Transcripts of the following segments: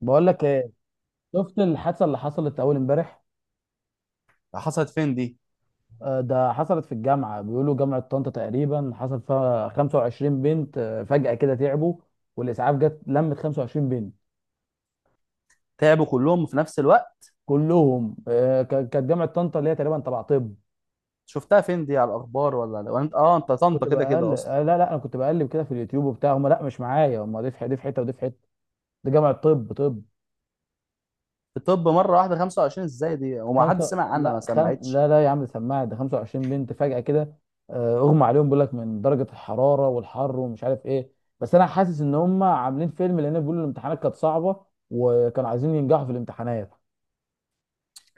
بقول لك ايه؟ شفت الحادثه اللي حصلت اول امبارح؟ حصلت فين دي؟ آه، ده حصلت في الجامعه، بيقولوا جامعه طنطا تقريبا حصل فيها 25 بنت. فجاه كده تعبوا، والاسعاف جت لمت 25 بنت تعبوا كلهم في نفس الوقت؟ كلهم. كانت جامعه طنطا اللي هي تقريبا تبع طب. شفتها فين دي على الاخبار ولا انت، اه انت كنت طنطا كده بقل كده اصلا. آه، لا لا، انا كنت بقلب كده في اليوتيوب وبتاع. هم لا مش معايا هم، دي في حته ودي في حته. دي جامعه طب طب. الطب مره واحده 25 ازاي دي؟ وما حد خمسة سمع عنها؟ ما لا خم... سمعتش. لا لا يا عم، سماعة ده 25 بنت فجأة كده. اغمى عليهم، بيقول لك من درجة الحرارة والحر ومش عارف ايه. بس انا حاسس ان هم عاملين فيلم، لان بيقولوا الامتحانات كانت صعبة وكانوا عايزين ينجحوا في الامتحانات.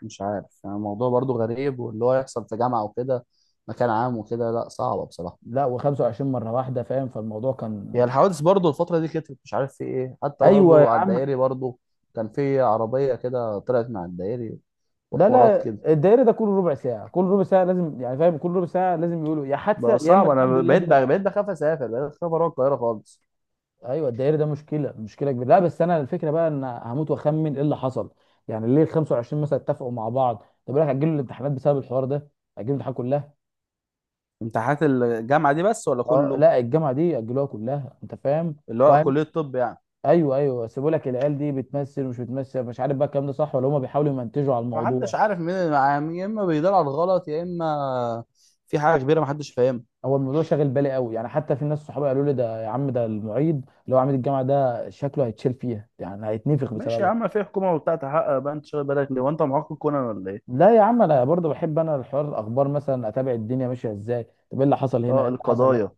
مش عارف يعني، الموضوع برضو غريب، واللي هو يحصل في جامعه وكده، مكان عام وكده، لا صعبه بصراحه. لا، و25 مرة واحدة، فاهم؟ فالموضوع كان هي الحوادث برضو الفتره دي كترت، مش عارف في ايه، حتى ايوه يا برضو على عم. الدائري برضو كان في عربيه كده طلعت مع الدائري لا وحوارات لا، كده. الدايرة ده كل ربع ساعة، كل ربع ساعة لازم، يعني فاهم، كل ربع ساعة لازم يقولوا يا حادثة بقى يا اما صعب، الحمد انا لله بقيت دي. بقيت بخاف اسافر، بقيت بخاف اروح القاهره خالص. ايوه، الدائري ده مشكله، مشكله كبيره. لا بس انا الفكره بقى ان هموت واخمن ايه اللي حصل. يعني ليه ال 25 مثلا اتفقوا مع بعض؟ طب لك اجلوا الامتحانات بسبب الحوار ده، اجلوا الامتحانات كلها. امتحانات الجامعه دي بس ولا اه كله؟ لا، الجامعه دي اجلوها كلها، انت فاهم. اللي هو وهم... كلية طب يعني. ايوه ايوه، سيبوا لك العيال دي بتمثل ومش بتمثل، مش عارف بقى الكلام ده صح ولا هم بيحاولوا يمنتجوا على محدش الموضوع. عارف مين اللي معاه، يا اما بيدور على الغلط يا اما في حاجة كبيرة محدش فاهمها. هو الموضوع شاغل بالي قوي، يعني حتى في ناس صحابي قالوا لي ده يا عم، ده المعيد اللي هو عميد الجامعه ده شكله هيتشال فيها، يعني هيتنفخ ماشي يا بسببها. عم، في حكومة وبتاع تحقق. بقى انت شغال بالك ليه وانت معاق كونان ولا ايه؟ لا يا عم، انا برضه بحب، انا الحوار الاخبار مثلا اتابع الدنيا ماشيه ازاي. طب ايه اللي حصل هنا، ايه اه، اللي حصل هنا؟ القضايا.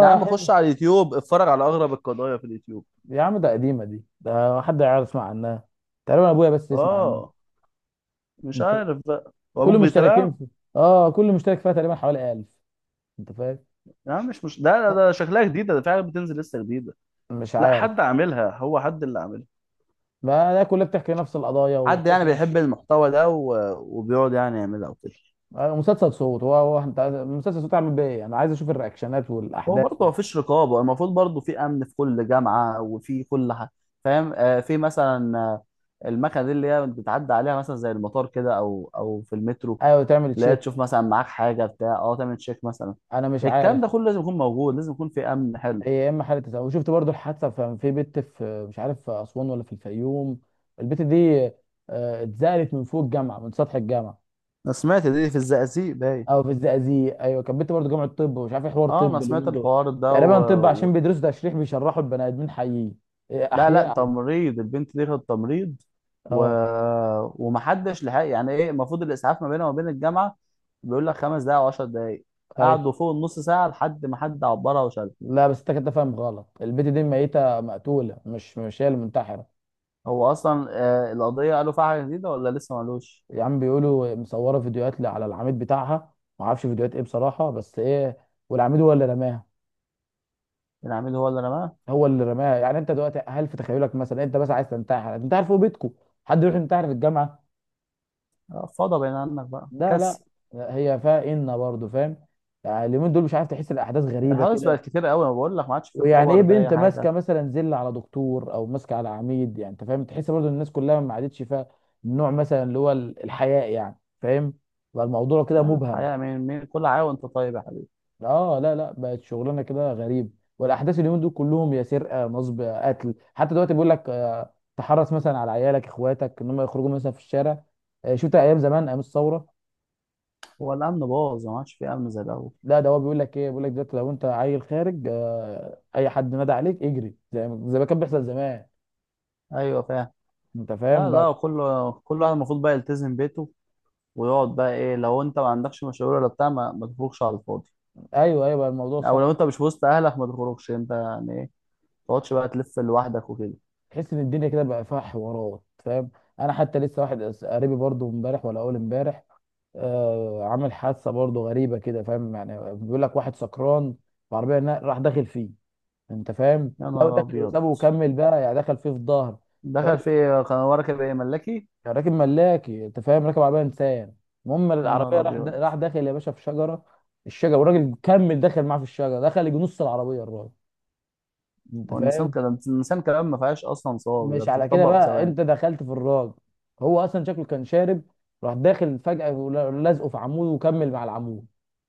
يا عم خش حلو. على اليوتيوب، اتفرج على اغرب القضايا في اليوتيوب. يا عم، ده قديمه دي، ده حد يعرف يسمع عنها؟ تقريبا ابويا بس يسمع عنها. اه، مش انت عارف بقى. وابوك كل مشتركين بيتابعك؟ في... اه كل مشترك فيها تقريبا حوالي 1000، انت فاهم؟ يا عم مش ده ده, لا، ده شكلها جديدة، ده في حاجة بتنزل لسه جديدة. مش لا، عارف. حد عاملها، هو حد اللي عاملها. ما ده كلها بتحكي نفس القضايا حد وتحس يعني نفس. بيحب المحتوى ده و... وبيقعد يعني يعملها وكده. مسلسل صوت. هو هو انت مسلسل صوت، تعمل بيه ايه؟ انا عايز اشوف الرياكشنات هو والاحداث. برضه مفيش رقابة، المفروض برضه في أمن في كل جامعة وفي كل حاجة. فاهم؟ آه في مثلا المكنة دي اللي هي بتعدي عليها مثلا زي المطار كده أو في المترو، ايوه، تعمل اللي هي تشيك. تشوف مثلا معاك حاجة بتاع، أه تعمل تشيك مثلا. انا مش عارف. الكلام ده كله لازم يكون موجود، لازم يكون في أمن حلو. هي يا اما حاله، تزوج وشفت برضو الحادثه في بنت، في مش عارف في اسوان ولا في الفيوم؟ البنت دي، اتزالت من فوق الجامعه، من سطح الجامعه. أنا سمعت دي في الزقازيق باين. او في الزقازيق، ايوه، كانت بنت برضو جامعه طب ومش عارف ايه حوار أه أنا طب سمعت اليومين دول. الحوار ده تقريبا طب و... عشان بيدرسوا تشريح، بيشرحوا البني ادمين حيين. إيه، لا لا، احياء. تمريض، البنت دي خدت تمريض و... اه. ومحدش لحق. يعني ايه، المفروض الاسعاف ما بينها وما بين الجامعه بيقول لك 5 دقائق وعشر دقائق. ايوه، قعدوا فوق النص ساعه لحد ما حد عبرها وشالها. لا بس انت كده فاهم غلط. البنت دي ميته، مقتوله، مش مش هي المنتحره. هو اصلا آه القضيه قالوا فيها حاجه جديده ولا لسه ما قالوش؟ يا عم، بيقولوا مصوره فيديوهات على العميد بتاعها. ما اعرفش فيديوهات ايه بصراحه، بس ايه، والعميد هو اللي رماها. العميد هو اللي رماها؟ هو اللي رماها. يعني انت دلوقتي هل في تخيلك مثلا انت بس عايز تنتحر، هتنتحر فوق بيتكم، حد يروح ينتحر في الجامعه؟ فضى بين عنك بقى لا لا. كسر. لا، هي فيها ان برضه، فاهم، يعني اليومين دول مش عارف، تحس الاحداث غريبه الحوادث كده. بقت كتير قوي، انا بقول لك ما عادش في رقابه ويعني ايه ولا في بنت اي ماسكه حاجه. مثلا زله على دكتور او ماسكه على عميد، يعني انت فاهم تحس برضه الناس كلها ما عادتش فيها النوع مثلا، اللي هو الحياء، يعني فاهم، بقى الموضوع كده لا مبهم. الحقيقه، مين كل حاجه، وانت طيب يا حبيبي. اه لا لا، بقت شغلانه كده غريب، والاحداث اليومين دول كلهم يا سرقه، نصب، قتل. حتى دلوقتي بيقول لك تحرص مثلا على عيالك اخواتك ان هم يخرجوا مثلا في الشارع. شفت ايام زمان، ايام الثوره. هو الامن باظ، ما عادش في امن زي الاول. لا، ده هو بيقول لك ايه، بيقول لك دلوقتي لو انت عيل خارج، اي حد نادى عليك اجري، زي ما كان بيحصل زمان، ايوه فاهم. انت لا فاهم بقى. لا، كل واحد المفروض بقى يلتزم بيته ويقعد بقى. ايه لو انت ما عندكش مشاوير ولا بتاع؟ ما تخرجش على الفاضي. ايوه ايوه، بقى الموضوع او صح، لو انت مش وسط اهلك ما تخرجش، انت يعني ايه، ما تقعدش بقى تلف لوحدك وكده. تحس ان الدنيا كده بقى فيها حوارات، فاهم. انا حتى لسه واحد قريبي برضو امبارح ولا اول امبارح عامل حادثه برضه غريبه كده، فاهم؟ يعني بيقول لك واحد سكران في عربيه، راح داخل فيه، انت فاهم؟ يا لو نهار داخل ابيض. وسابه وكمل بقى، يعني دخل فيه في ظهر. دخل راكب. في ايه؟ كان ورا كده ايه؟ ملاكي؟ راكب ملاكي، انت فاهم، راكب عربيه انسان. المهم يا نهار العربيه ابيض. راح داخل يا باشا في شجره. الشجره والراجل كمل داخل معاه في الشجره، دخل يجي نص العربيه الراجل، انت هو النسان فاهم. كده، النسان كلام ما فيهاش اصلا صواب، ده مش على كده بتطبق في بقى، ثواني. انت دخلت في الراجل، هو اصلا شكله كان شارب، راح داخل فجاه ولازقه في عمود وكمل مع العمود،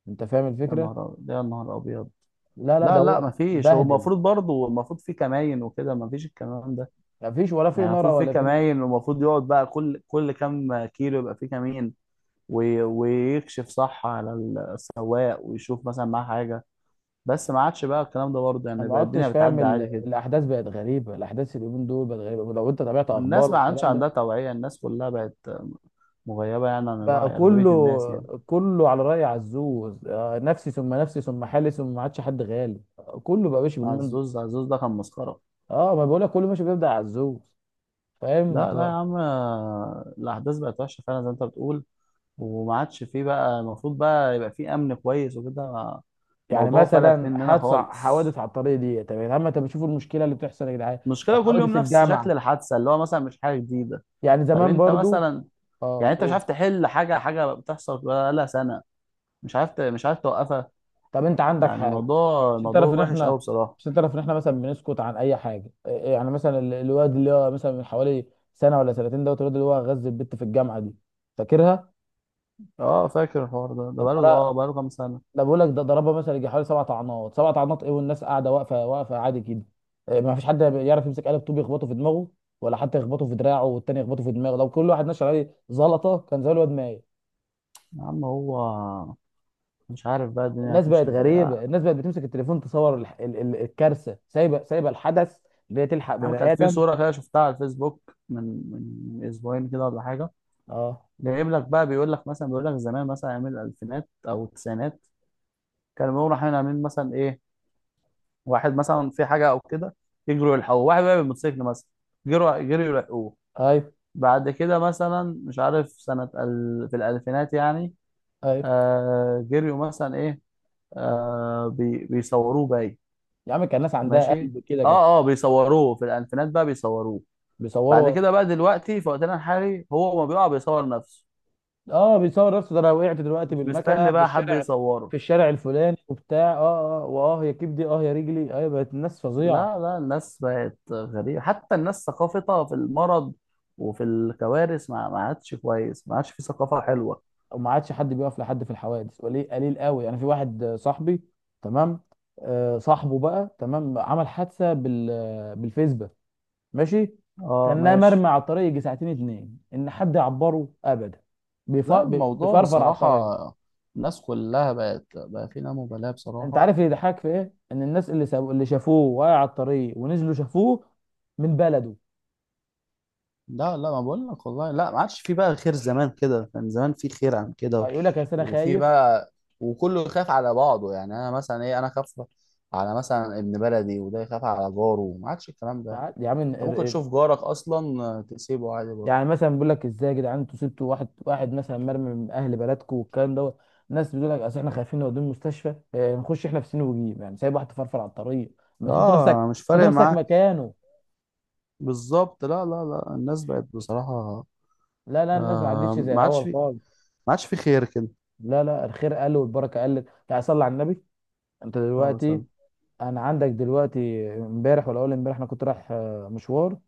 انت فاهم يا الفكره. نهار ابيض، يا نهار ابيض. لا لا، ده لا لا هو ما فيش، هو بهدل. المفروض برضه المفروض في كماين وكده، ما فيش الكلام ده. مفيش ولا في يعني نار المفروض في ولا في. كماين، والمفروض يقعد بقى كل كام كيلو يبقى في كمين ويكشف صح على السواق، ويشوف مثلا معاه حاجة. بس ما عادش بقى الكلام ده برضه، انا يعني ما بقى الدنيا عدتش فاهم، بتعدي عادي كده. الاحداث بقت غريبه، الاحداث اليومين دول بقت غريبه، ولو انت تابعت اخبار والناس ما عادش والكلام ده. عندها توعية، الناس كلها بقت مغيبة يعني عن بقى الوعي، أغلبية الناس يعني. كله كله على راي عزوز، نفسي ثم نفسي ثم حالي ثم ما عادش حد غالي. كله بقى ماشي عزوز، عزوز ده كان مسخرة. اه، ما بقول لك كله ماشي بيبدا عزوز، فاهم لا لا يا عم، الأحداث بقت وحشة فعلا زي ما أنت بتقول، وما عادش فيه بقى، المفروض بقى يبقى فيه أمن كويس وكده. يعني الموضوع فلت مثلا مننا خالص. حوادث على الطريق دي، طب يا عم انت بتشوفوا المشكله اللي بتحصل يا جدعان. المشكلة كل يوم حوادث نفس شكل الجامعه، الحادثة، اللي هو مثلا مش حاجة جديدة. يعني طب زمان أنت برضو. مثلا، يعني انت مش اه. عارف تحل حاجه، حاجه بتحصل بقالها سنه، مش عارف مش عارف توقفها. طب انت عندك يعني حاجه الموضوع عشان تعرف الموضوع ان وحش احنا، قوي بصراحه. مثلا بنسكت عن اي حاجه. إيه- إيه، يعني مثلا الواد اللي هو مثلا من حوالي سنه ولا سنتين دوت، الواد اللي هو غز البت في الجامعه دي، فاكرها؟ اه فاكر الحوار ده، ده طب بقاله مرة- اه بقاله كام سنه. ده بقول لك ده ضربها مثلا يجي حوالي سبع طعنات، سبع طعنات ايه، والناس قاعده واقفه، واقفه عادي كده. إيه، ما فيش حد يعرف يمسك قلب طوب يخبطه في دماغه، ولا حتى يخبطه في دراعه والتاني يخبطه في دماغه. لو كل واحد نشر عليه زلطه كان زي الواد مايل. يا عم هو، مش عارف بقى الدنيا الناس بقت هتمشي ازاي. يا غريبه، الناس بقت بتمسك التليفون تصور الكارثه، سايبه سايبه الحدث اللي هي تلحق عم بني كانت في ادم. صوره كده شفتها على الفيسبوك من من اسبوعين كده ولا حاجه. اه جايب لك بقى بيقول لك مثلا، بيقول لك زمان مثلا ايام الالفينات او التسعينات كانوا بيقولوا رايحين عاملين مثلا ايه، واحد مثلا في حاجه او كده يجروا يلحقوه، واحد بقى بالموتوسيكل مثلا جروا جروا يلحقوه. ايوه بعد كده مثلا مش عارف سنة ال... في الألفينات يعني، ايوه. آه جريوا مثلا إيه، آه بيصوروه باي. يا عم، كان ناس عندها ماشي. قلب كده كانت اه اه بيصوروه في الألفينات بقى بيصوروه. بعد بيصوروا. كده بقى دلوقتي في وقتنا الحالي، هو ما بيقع بيصور نفسه، اه، بيصور نفسه. ده انا وقعت دلوقتي مش بالمكنه مستني في بقى حد الشارع، يصوره. في الشارع الفلاني وبتاع. اه اه، واه يا كبدي، اه يا رجلي. ايوه، بقت الناس فظيعه. لا لا، الناس بقت غريبة، حتى الناس ثقافتها في المرض وفي الكوارث ما عادش كويس، ما عادش في ثقافة وم- حلوة. وما عادش حد بيقف لحد في الحوادث، قليل قليل قوي. يعني في واحد صاحبي، تمام، صاحبه بقى، تمام، عمل حادثه بالفيسبا، ماشي. اه كان مرمي ماشي. على الطريق يجي ساعتين اتنين، ان حد يعبره ابدا، بيف- لا الموضوع بيفرفر على بصراحة، الطريق. الناس كلها بقت بقى في لا مبالاة انت بصراحة. عارف اللي يضحك في ايه؟ ان الناس اللي سابوا، اللي شافوه واقع على الطريق ونزلوا شافوه من بلده. لا لا، ما بقول لك والله، لا ما عادش في بقى خير، زمان كده كان زمان في خير عن كده اه، يقول لك اصل انا وفي خايف. بقى، وكله يخاف على بعضه، يعني انا مثلا ايه، انا خاف على مثلا ابن بلدي، وده يخاف على جاره، ما عادش الكلام ده. يا عم انت ممكن تشوف جارك اصلا تسيبه عادي برضه. يعني مثلا بيقول لك ازاي يا جدعان انتوا سبتوا واحد، واحد مثلا مرمي من اهل بلدكم والكلام دوت. الناس بتقول لك اصل احنا خايفين نوديه المستشفى، نخش احنا في سين وجيب، يعني سايب واحد فرفر على الطريق. ما تحط نفسك، اه مش تحط فارق نفسك معاه. مكانه. بالظبط، لا لا لا، الناس بقت بصراحة لا لا، الناس ما عدتش زي ما عادش الاول في، خالص. ما عادش في خير كده. لا لا، الخير قل والبركه قلت، يعني صلي على النبي. انت اه دلوقتي، سلام. انا عندك دلوقتي امبارح ولا اول امبارح انا كنت رايح مشوار.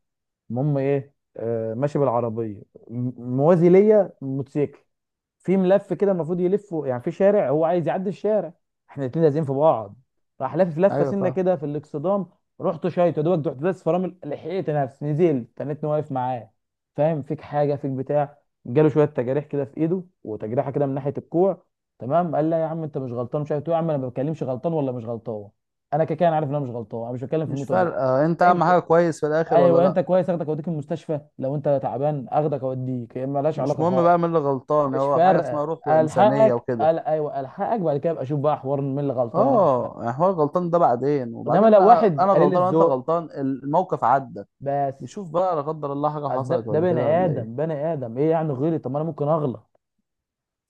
المهم ايه، ماشي بالعربيه، موازي ليا موتوسيكل في ملف كده، المفروض يلفه يعني في شارع هو عايز يعدي الشارع، احنا الاتنين لازقين في بعض. راح لافف لفه ايوه سنه فاهم. كده في الاكسدام، رحت شايط يا دوبك رحت داس فرامل، لحقت نفسي نزلت تنتني واقف معاه، فاهم، فيك حاجه، فيك بتاع؟ جاله شويه تجاريح كده في ايده، وتجريحه كده من ناحيه الكوع. تمام. قال لا يا عم انت مش غلطان مش عارف إيه. قلت له يا عم انا ما بتكلمش غلطان ولا مش غلطان. انا كده كده أنا عارف ان انا مش غلطان، انا مش بتكلم في مش النقطه دي. فارقة، انت اهم انت؟ حاجة كويس في الاخر ولا ايوه انت لا؟ كويس، اخدك اوديك المستشفى، لو انت تعبان اخدك اوديك. هي مالهاش مش علاقه مهم خالص، بقى مين اللي غلطان، مش هو حاجة فارقه. اسمها روح وانسانية الحقك، وكده. قال ايوه الحقك، بعد كده ابقى اشوف بقى حوار مين اللي غلطان، دي مش فارقه. اه يعني هو الغلطان ده بعدين، انما وبعدين لو انا واحد قليل غلطان وانت الذوق، غلطان، الموقف عدى. بس. نشوف بقى لا قدر الله حاجة أصل ده حصلت ده ولا بني كده ولا ايه. ادم، بني ادم ايه يعني غيري؟ طب ما انا ممكن اغلط،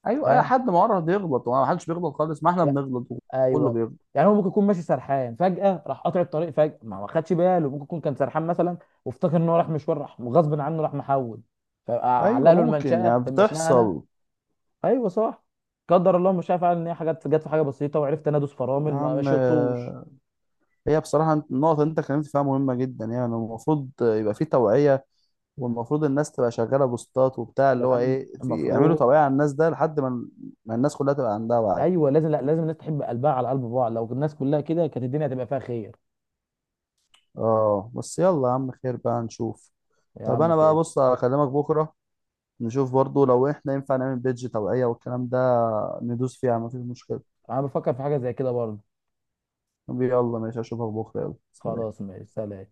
ايوه، اي فاهم؟ حد معرض يغلط، وما حدش بيغلط خالص، ما احنا يا بنغلط وكله ايوه، بيغلط. يعني هو ممكن يكون ماشي سرحان، فجاه راح قاطع الطريق، فجاه ما خدش باله، ممكن يكون كان سرحان مثلا، وافتكر ان هو راح مشوار راح غصب عنه راح محول. فاعلق ايوه له ممكن، يعني المشنقه انا؟ بتحصل. ايوه صح، قدر الله. مش عارف ان هي حاجات جت في حاجه بسيطه وعرفت انا ادوس يا فرامل، ما عم شطوش. هي بصراحة النقطة اللي انت اتكلمت فيها مهمة جدا، يعني المفروض يبقى في توعية، والمفروض الناس تبقى شغاله بوستات وبتاع، يا اللي هو عم، ايه، في يعملوا المفروض. توعيه على الناس ده لحد ما ما الناس كلها تبقى عندها وعي. ايوه لازم، لا لازم الناس تحب قلبها على قلب بعض، لو الناس كلها كده كانت الدنيا هتبقى فيها خير. اه بس يلا يا عم، خير بقى نشوف. يا طب عم انا بقى خير. بص هكلمك بكره، نشوف برضو لو احنا ينفع نعمل بيدج توعيه والكلام ده، ندوس فيها مفيش مشكله. انا بفكر في حاجه زي كده برضه. طب يلا ماشي، اشوفك بكره، يلا سلام. خلاص ماشي، سلام.